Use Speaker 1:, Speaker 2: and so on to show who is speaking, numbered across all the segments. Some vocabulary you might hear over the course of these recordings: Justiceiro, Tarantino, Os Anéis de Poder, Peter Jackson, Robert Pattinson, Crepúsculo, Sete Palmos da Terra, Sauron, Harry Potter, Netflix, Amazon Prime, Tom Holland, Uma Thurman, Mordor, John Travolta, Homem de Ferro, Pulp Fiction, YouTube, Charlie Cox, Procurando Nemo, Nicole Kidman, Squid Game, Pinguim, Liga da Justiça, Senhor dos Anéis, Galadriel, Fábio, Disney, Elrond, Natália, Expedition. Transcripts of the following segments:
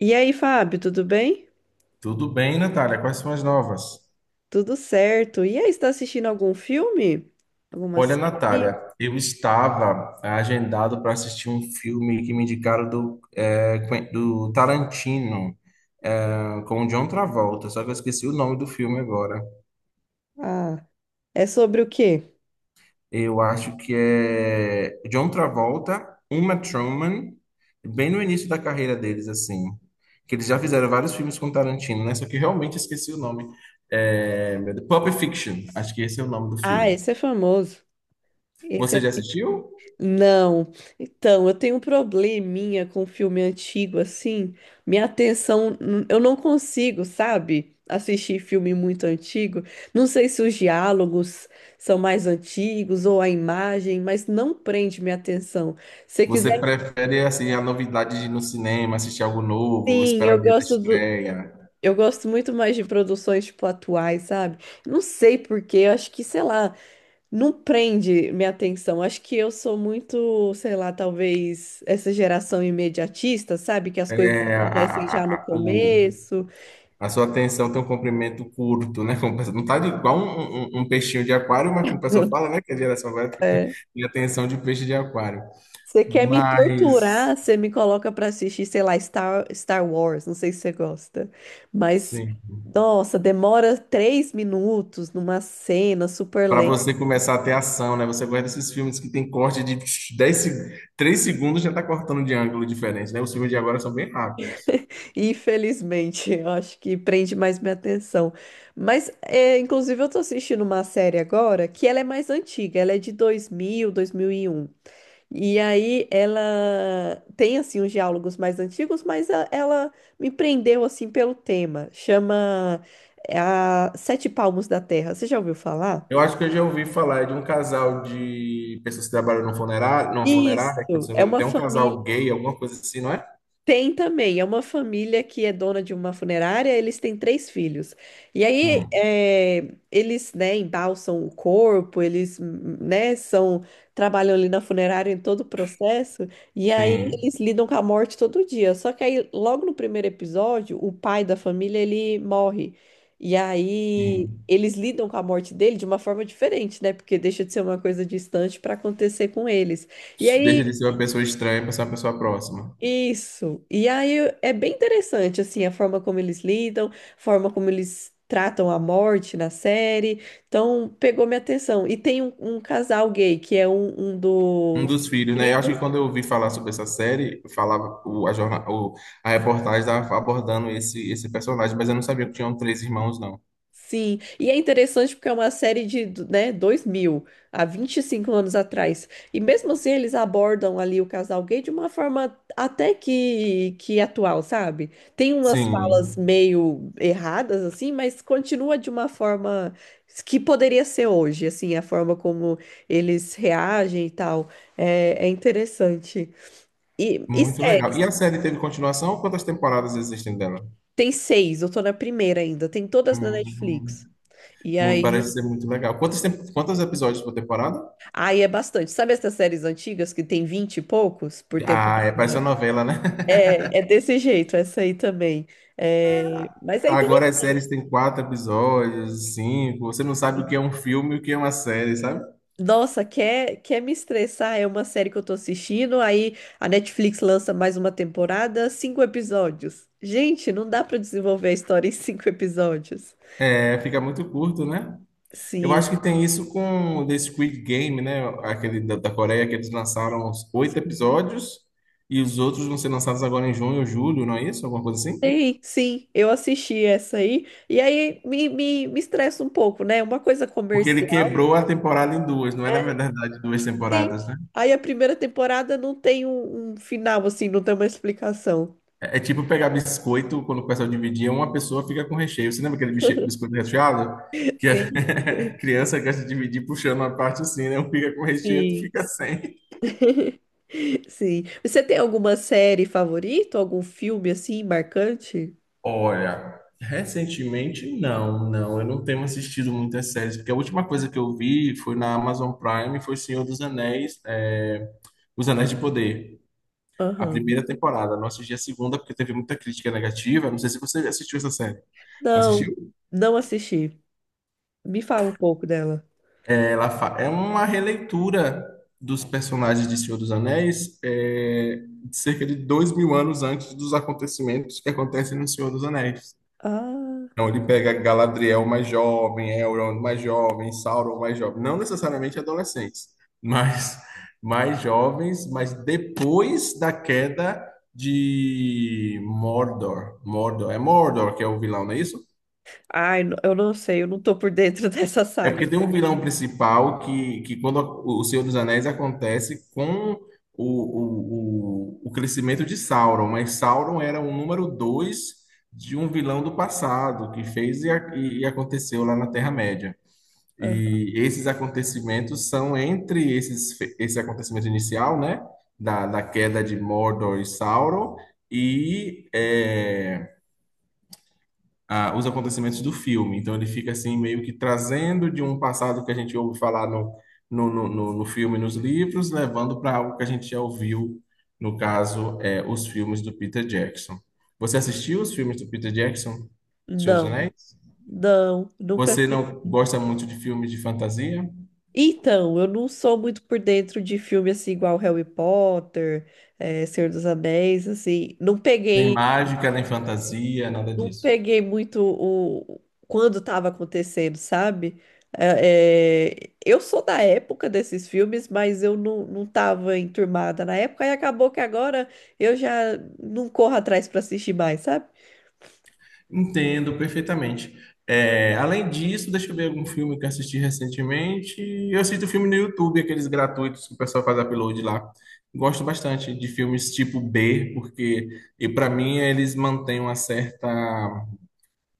Speaker 1: E aí, Fábio, tudo bem?
Speaker 2: Tudo bem, Natália? Quais são as novas?
Speaker 1: Tudo certo. E aí, está assistindo algum filme? Alguma
Speaker 2: Olha,
Speaker 1: série?
Speaker 2: Natália, eu estava agendado para assistir um filme que me indicaram do Tarantino, com o John Travolta, só que eu esqueci o nome do filme agora.
Speaker 1: Ah, é sobre o quê?
Speaker 2: Eu acho que é John Travolta, Uma Thurman, bem no início da carreira deles, assim. Que eles já fizeram vários filmes com Tarantino, né? Só que eu realmente esqueci o nome. É, meu Deus, Pulp Fiction, acho que esse é o nome do
Speaker 1: Ah,
Speaker 2: filme.
Speaker 1: esse é famoso. Esse
Speaker 2: Você
Speaker 1: é...
Speaker 2: já assistiu?
Speaker 1: Não. Então, eu tenho um probleminha com filme antigo, assim. Minha atenção, eu não consigo, sabe? Assistir filme muito antigo. Não sei se os diálogos são mais antigos ou a imagem, mas não prende minha atenção. Se
Speaker 2: Você
Speaker 1: quiser,
Speaker 2: prefere assim a novidade de ir no cinema, assistir algo novo,
Speaker 1: sim,
Speaker 2: esperar
Speaker 1: eu
Speaker 2: o dia da
Speaker 1: gosto do.
Speaker 2: estreia?
Speaker 1: Eu gosto muito mais de produções, tipo, atuais, sabe? Não sei por quê, eu acho que, sei lá, não prende minha atenção. Acho que eu sou muito, sei lá, talvez essa geração imediatista, sabe? Que as coisas
Speaker 2: É, a,
Speaker 1: acontecem já
Speaker 2: a,
Speaker 1: no
Speaker 2: a, o-
Speaker 1: começo.
Speaker 2: a sua atenção tem um comprimento curto, né? Não tá de- igual um peixinho de aquário, mas como o pessoal fala, né? Que a geração vai tem
Speaker 1: É.
Speaker 2: tem atenção de peixe de aquário.
Speaker 1: Você quer me torturar,
Speaker 2: Mas,
Speaker 1: você me coloca pra assistir, sei lá, Star Wars, não sei se você gosta. Mas,
Speaker 2: sim.
Speaker 1: nossa, demora 3 minutos numa cena super
Speaker 2: Para
Speaker 1: lenta.
Speaker 2: você começar a ter ação, né? Você gosta desses filmes que tem corte de 10, 3 segundos já tá cortando de ângulo diferente, né? Os filmes de agora são bem rápidos.
Speaker 1: Infelizmente, eu acho que prende mais minha atenção. Mas, é, inclusive, eu tô assistindo uma série agora que ela é mais antiga, ela é de 2000, 2001. E um. E aí ela tem, assim, os diálogos mais antigos, mas ela me prendeu, assim, pelo tema. Chama a Sete Palmos da Terra. Você já ouviu falar?
Speaker 2: Eu acho que eu já ouvi falar de um casal de pessoas que trabalham num funerário, numa funerária, que se
Speaker 1: Isso,
Speaker 2: não me
Speaker 1: é
Speaker 2: engano,
Speaker 1: uma
Speaker 2: tem um
Speaker 1: família.
Speaker 2: casal gay, alguma coisa assim, não é?
Speaker 1: Tem também, é uma família que é dona de uma funerária, eles têm três filhos. E aí,
Speaker 2: Hum,
Speaker 1: eles, né, embalsam o corpo, eles, né, são, trabalham ali na funerária em todo o processo, e aí
Speaker 2: sim,
Speaker 1: eles lidam com a morte todo dia. Só que aí, logo no primeiro episódio, o pai da família, ele morre. E aí,
Speaker 2: sim.
Speaker 1: eles lidam com a morte dele de uma forma diferente, né? Porque deixa de ser uma coisa distante para acontecer com eles. E
Speaker 2: Deixa de
Speaker 1: aí,
Speaker 2: ser uma pessoa estranha para ser uma pessoa próxima.
Speaker 1: isso. E aí é bem interessante assim a forma como eles lidam, a forma como eles tratam a morte na série. Então pegou minha atenção. E tem um casal gay que é um
Speaker 2: Um
Speaker 1: dos
Speaker 2: dos filhos, né? Eu acho que quando eu ouvi falar sobre essa série, falava o, a, jorna, o, a reportagem estava abordando esse personagem, mas eu não sabia que tinham três irmãos, não.
Speaker 1: Sim, e é interessante porque é uma série de, né, 2000 há 25 anos atrás. E mesmo assim eles abordam ali o casal gay de uma forma até que atual, sabe? Tem umas falas
Speaker 2: Sim,
Speaker 1: meio erradas, assim, mas continua de uma forma que poderia ser hoje, assim, a forma como eles reagem e tal. É, interessante. E
Speaker 2: muito legal.
Speaker 1: série,
Speaker 2: E a série teve continuação? Quantas temporadas existem dela?
Speaker 1: tem seis, eu tô na primeira ainda, tem todas na
Speaker 2: Hum.
Speaker 1: Netflix. E
Speaker 2: Hum. Parece
Speaker 1: aí.
Speaker 2: ser muito legal. Quantos episódios por temporada?
Speaker 1: Aí é bastante. Sabe essas séries antigas que tem 20 e poucos por tempo?
Speaker 2: Ah, é, parece uma novela, né?
Speaker 1: É, desse jeito, essa aí também. É, mas é interessante.
Speaker 2: Agora as séries têm quatro episódios, cinco. Você não sabe o que é um filme e o que é uma série, sabe?
Speaker 1: Nossa, quer me estressar? É uma série que eu tô assistindo, aí a Netflix lança mais uma temporada, cinco episódios. Gente, não dá pra desenvolver a história em cinco episódios.
Speaker 2: É, fica muito curto, né? Eu
Speaker 1: Sim.
Speaker 2: acho que tem isso com o The Squid Game, né? Aquele da Coreia que eles lançaram uns oito episódios e os outros vão ser lançados agora em junho ou julho, não é isso? Alguma coisa assim?
Speaker 1: Sim, sim, eu assisti essa aí, e aí me estressa um pouco, né? Uma coisa
Speaker 2: Porque ele
Speaker 1: comercial.
Speaker 2: quebrou a temporada em duas, não é na verdade duas temporadas, né?
Speaker 1: Aí a primeira temporada não tem um final, assim, não tem uma explicação.
Speaker 2: É tipo pegar biscoito, quando o pessoal dividia, uma pessoa fica com recheio. Você lembra aquele biscoito recheado? Que a
Speaker 1: Sim,
Speaker 2: criança gosta de dividir puxando uma parte assim, né? Um fica com recheio, outro
Speaker 1: sim,
Speaker 2: fica sem.
Speaker 1: sim. Você tem alguma série favorita? Algum filme, assim, marcante?
Speaker 2: Olha, recentemente não, não. Eu não tenho assistido muitas séries, porque a última coisa que eu vi foi na Amazon Prime, foi Senhor dos Anéis, Os Anéis de Poder. A
Speaker 1: Aham.
Speaker 2: primeira temporada, não assisti a segunda porque teve muita crítica negativa. Não sei se você assistiu essa série.
Speaker 1: Não,
Speaker 2: Assistiu?
Speaker 1: não assisti. Me fala um pouco dela.
Speaker 2: É uma releitura dos personagens de Senhor dos Anéis, de cerca de 2.000 anos antes dos acontecimentos que acontecem no Senhor dos Anéis.
Speaker 1: Ah,
Speaker 2: Então ele pega Galadriel mais jovem, Elrond mais jovem, Sauron mais jovem, não necessariamente adolescentes, mas mais jovens, mas depois da queda de Mordor. Mordor, é Mordor que é o vilão, não é isso?
Speaker 1: ai, eu não sei, eu não tô por dentro dessa
Speaker 2: É
Speaker 1: saga.
Speaker 2: porque tem um
Speaker 1: Não.
Speaker 2: vilão principal que quando o Senhor dos Anéis acontece com o crescimento de Sauron, mas Sauron era o número dois de um vilão do passado que fez e aconteceu lá na Terra-média.
Speaker 1: Aham.
Speaker 2: E esses acontecimentos são entre esse acontecimento inicial, né, da queda de Mordor e Sauron, e os acontecimentos do filme. Então ele fica assim meio que trazendo de um passado que a gente ouve falar no filme, e nos livros, levando para algo que a gente já ouviu, no caso, os filmes do Peter Jackson. Você assistiu os filmes do Peter Jackson, Senhor dos
Speaker 1: Não,
Speaker 2: Anéis?
Speaker 1: não, nunca
Speaker 2: Você
Speaker 1: assisti.
Speaker 2: não gosta muito de filmes de fantasia?
Speaker 1: Então, eu não sou muito por dentro de filme assim, igual Harry Potter, Senhor dos Anéis, assim. Não
Speaker 2: Nem
Speaker 1: peguei.
Speaker 2: mágica, nem fantasia, nada
Speaker 1: não
Speaker 2: disso.
Speaker 1: peguei muito o quando estava acontecendo, sabe? É, eu sou da época desses filmes, mas eu não tava enturmada na época e acabou que agora eu já não corro atrás para assistir mais, sabe?
Speaker 2: Entendo perfeitamente. É, além disso, deixa eu ver algum filme que eu assisti recentemente. Eu assisto filme no YouTube, aqueles gratuitos que o pessoal faz upload lá. Gosto bastante de filmes tipo B, porque e para mim eles mantêm uma certa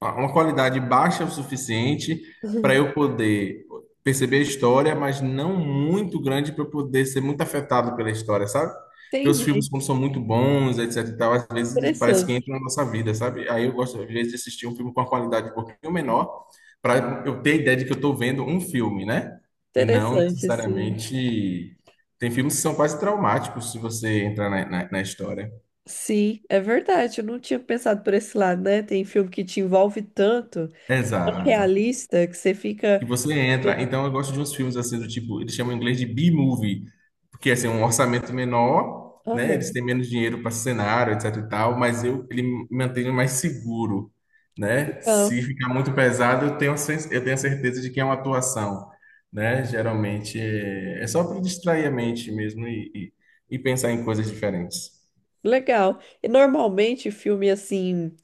Speaker 2: uma qualidade baixa o suficiente para
Speaker 1: Uhum.
Speaker 2: eu poder perceber a história, mas não muito grande para eu poder ser muito afetado pela história, sabe? Porque os
Speaker 1: Entendi.
Speaker 2: filmes, quando são muito bons, etc e tal, às vezes eles parece que
Speaker 1: Interessante,
Speaker 2: entram na nossa vida, sabe? Aí eu gosto, às vezes, de assistir um filme com uma qualidade um pouquinho menor, para eu ter ideia de que eu estou vendo um filme, né? E não
Speaker 1: interessante, assim.
Speaker 2: necessariamente. Tem filmes que são quase traumáticos se você entrar na história.
Speaker 1: Sim, é verdade. Eu não tinha pensado por esse lado, né? Tem filme que te envolve tanto, que é tão
Speaker 2: Exato.
Speaker 1: realista, que você
Speaker 2: Que
Speaker 1: fica.
Speaker 2: você entra. Então eu gosto de uns filmes assim do tipo, eles chamam em inglês de B-movie, porque assim, é um orçamento menor, né? Eles
Speaker 1: Aham,
Speaker 2: têm menos dinheiro para cenário, etc e tal, mas eu ele me mantém mais seguro, né?
Speaker 1: Legal.
Speaker 2: Se ficar muito pesado, eu tenho a certeza de que é uma atuação, né? Geralmente é só para distrair a mente mesmo e pensar em coisas diferentes.
Speaker 1: Legal. E normalmente filme assim.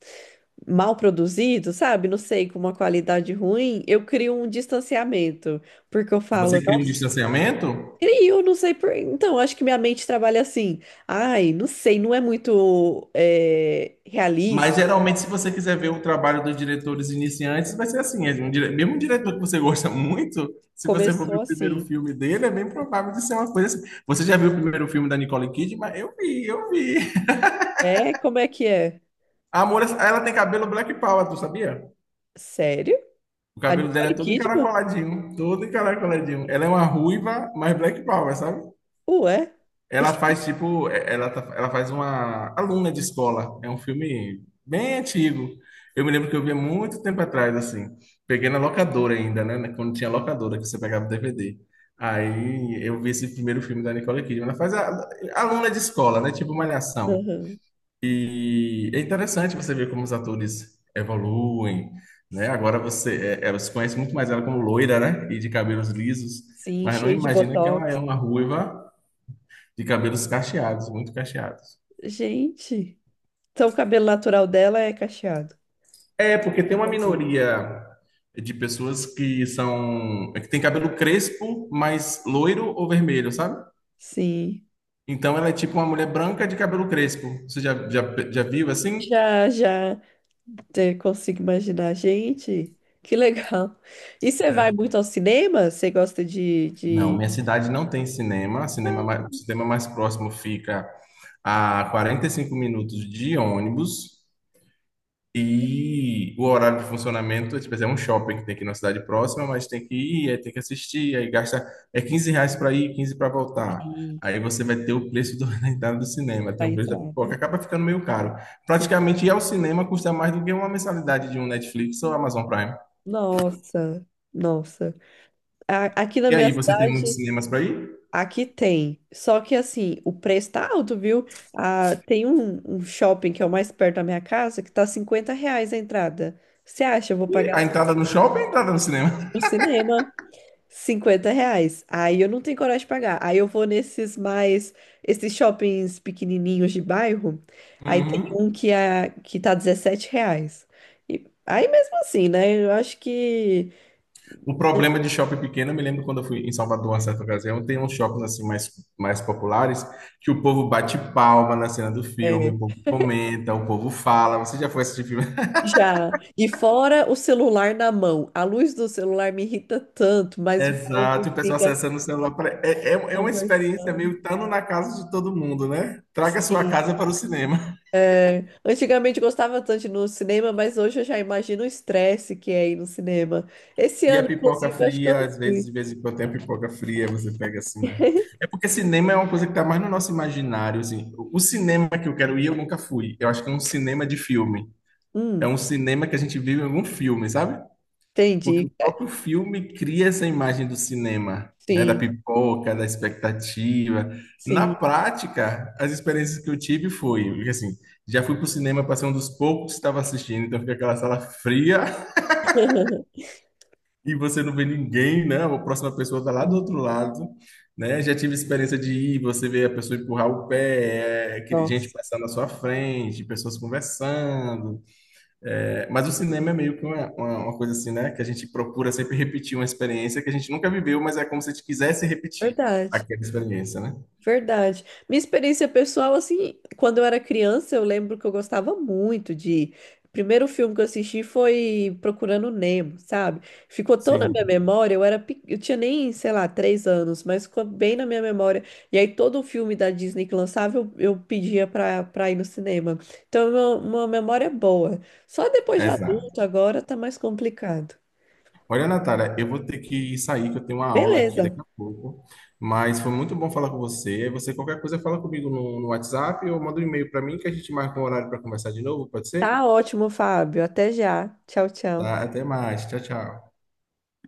Speaker 1: Mal produzido, sabe? Não sei, com uma qualidade ruim, eu crio um distanciamento, porque eu falo,
Speaker 2: Você cria um
Speaker 1: nossa,
Speaker 2: distanciamento?
Speaker 1: crio, não sei por. Então, acho que minha mente trabalha assim. Ai, não sei, não é muito
Speaker 2: Mas
Speaker 1: realista.
Speaker 2: geralmente, se você quiser ver o trabalho dos diretores iniciantes, vai ser assim: é mesmo um diretor que
Speaker 1: Sim.
Speaker 2: você gosta muito, se você for ver
Speaker 1: Começou
Speaker 2: o primeiro
Speaker 1: assim.
Speaker 2: filme dele, é bem provável de ser uma coisa assim. Você já viu o primeiro filme da Nicole Kidman? Eu vi, eu vi.
Speaker 1: É, como é que é?
Speaker 2: A Amor, ela tem cabelo Black Power, tu sabia?
Speaker 1: Sério?
Speaker 2: O
Speaker 1: A
Speaker 2: cabelo dela é
Speaker 1: Nicole
Speaker 2: todo
Speaker 1: Kidman?
Speaker 2: encaracoladinho, todo encaracoladinho. Ela é uma ruiva, mas Black Power, sabe?
Speaker 1: Ué?
Speaker 2: Ela faz tipo, ela faz uma aluna de escola. É um filme bem antigo. Eu me lembro que eu vi há muito tempo atrás, assim. Peguei na locadora ainda, né? Quando tinha locadora, que você pegava o DVD. Aí eu vi esse primeiro filme da Nicole Kidman. Ela faz a, aluna de escola, né? Tipo Malhação.
Speaker 1: Aham.
Speaker 2: E é interessante você ver como os atores evoluem, né? Agora você conhece muito mais ela como loira, né? E de cabelos lisos.
Speaker 1: Sim,
Speaker 2: Mas não
Speaker 1: cheio de
Speaker 2: imagina que ela é
Speaker 1: botox.
Speaker 2: uma ruiva de cabelos cacheados, muito cacheados.
Speaker 1: Gente, então o cabelo natural dela é cacheado.
Speaker 2: É, porque tem uma minoria de pessoas que são, é que tem cabelo crespo, mas loiro ou vermelho, sabe?
Speaker 1: Sim,
Speaker 2: Então ela é tipo uma mulher branca de cabelo crespo. Você já viu assim?
Speaker 1: já, já. Você consigo imaginar, gente, que legal. E você vai muito ao cinema? Você gosta
Speaker 2: Não,
Speaker 1: de...
Speaker 2: minha cidade não tem cinema. Cinema
Speaker 1: Ah,
Speaker 2: mais, o cinema mais próximo fica a 45 minutos de ônibus. E o horário de funcionamento, tipo, é um shopping que tem aqui na cidade próxima, mas tem que ir, aí tem que assistir, aí gasta é R$ 15 para ir, 15 para voltar.
Speaker 1: sim,
Speaker 2: Aí você vai ter o preço da entrada do cinema, tem
Speaker 1: da
Speaker 2: o preço da
Speaker 1: entrada.
Speaker 2: pipoca, acaba ficando meio caro.
Speaker 1: Sim.
Speaker 2: Praticamente ir ao cinema custa mais do que uma mensalidade de um Netflix ou Amazon Prime.
Speaker 1: Nossa, nossa. Aqui na
Speaker 2: E aí
Speaker 1: minha
Speaker 2: você tem muitos
Speaker 1: cidade,
Speaker 2: cinemas para ir,
Speaker 1: aqui tem. Só que assim, o preço tá alto, viu? Ah, tem um shopping que é o mais perto da minha casa que tá R$ 50 a entrada. Você acha? Eu vou
Speaker 2: e
Speaker 1: pagar
Speaker 2: a entrada no shopping, a entrada no cinema.
Speaker 1: no cinema. R$ 50. Aí eu não tenho coragem de pagar. Aí eu vou esses shoppings pequenininhos de bairro. Aí tem
Speaker 2: Uhum.
Speaker 1: um que tá R$ 17. E, aí mesmo assim, né? Eu acho que
Speaker 2: O problema de shopping pequeno, eu me lembro quando eu fui em Salvador, uma certa ocasião, tem uns shoppings assim mais populares que o povo bate palma na cena do filme,
Speaker 1: é,
Speaker 2: o povo comenta, o povo fala. Você já foi assistir filme?
Speaker 1: já. E fora o celular na mão. A luz do celular me irrita tanto, mas o povo
Speaker 2: Exato, e o pessoal
Speaker 1: fica
Speaker 2: acessando o celular. É uma experiência
Speaker 1: conversando.
Speaker 2: meio estando na casa de todo mundo, né? Traga sua
Speaker 1: Sim,
Speaker 2: casa para o cinema.
Speaker 1: Antigamente eu gostava tanto de ir no cinema, mas hoje eu já imagino o estresse que é ir no cinema. Esse
Speaker 2: E a
Speaker 1: ano,
Speaker 2: pipoca
Speaker 1: inclusive, acho que eu
Speaker 2: fria,
Speaker 1: não
Speaker 2: às vezes,
Speaker 1: fui.
Speaker 2: de vez em quando tem a pipoca fria, você pega assim. É porque cinema é uma coisa que está mais no nosso imaginário, assim. O cinema que eu quero ir, eu nunca fui. Eu acho que é um cinema de filme. É
Speaker 1: Hum,
Speaker 2: um cinema que a gente vive em algum filme, sabe? Porque
Speaker 1: entendi.
Speaker 2: o próprio filme cria essa imagem do cinema, né? Da
Speaker 1: Sim,
Speaker 2: pipoca, da expectativa. Na
Speaker 1: sim.
Speaker 2: prática, as experiências que eu tive foi, porque, assim, já fui pro cinema para ser um dos poucos que estava assistindo, então fica aquela sala fria e você não vê ninguém, né? A próxima pessoa tá lá do
Speaker 1: Sim.
Speaker 2: outro lado, né? Já tive experiência de ir, você vê a pessoa empurrar o pé, gente
Speaker 1: Nossa,
Speaker 2: passando na sua frente, pessoas conversando. É, mas o cinema é meio que uma coisa assim, né? Que a gente procura sempre repetir uma experiência que a gente nunca viveu, mas é como se a gente quisesse repetir
Speaker 1: verdade.
Speaker 2: aquela experiência, né?
Speaker 1: Verdade. Minha experiência pessoal, assim, quando eu era criança, eu lembro que eu gostava muito de. O primeiro filme que eu assisti foi Procurando Nemo, sabe? Ficou tão na minha
Speaker 2: Sim,
Speaker 1: memória, eu tinha nem, sei lá, 3 anos, mas ficou bem na minha memória. E aí todo filme da Disney que lançava, eu pedia pra ir no cinema. Então, é uma memória boa. Só depois de
Speaker 2: exato.
Speaker 1: adulto, agora tá mais complicado.
Speaker 2: Olha, Natália, eu vou ter que sair, que eu tenho uma aula aqui
Speaker 1: Beleza.
Speaker 2: daqui a pouco, mas foi muito bom falar com você. Você, qualquer coisa, fala comigo no WhatsApp ou manda um e-mail para mim que a gente marca um horário para conversar de novo, pode ser?
Speaker 1: Tá ótimo, Fábio. Até já. Tchau, tchau.
Speaker 2: Tá, até mais. Tchau, tchau.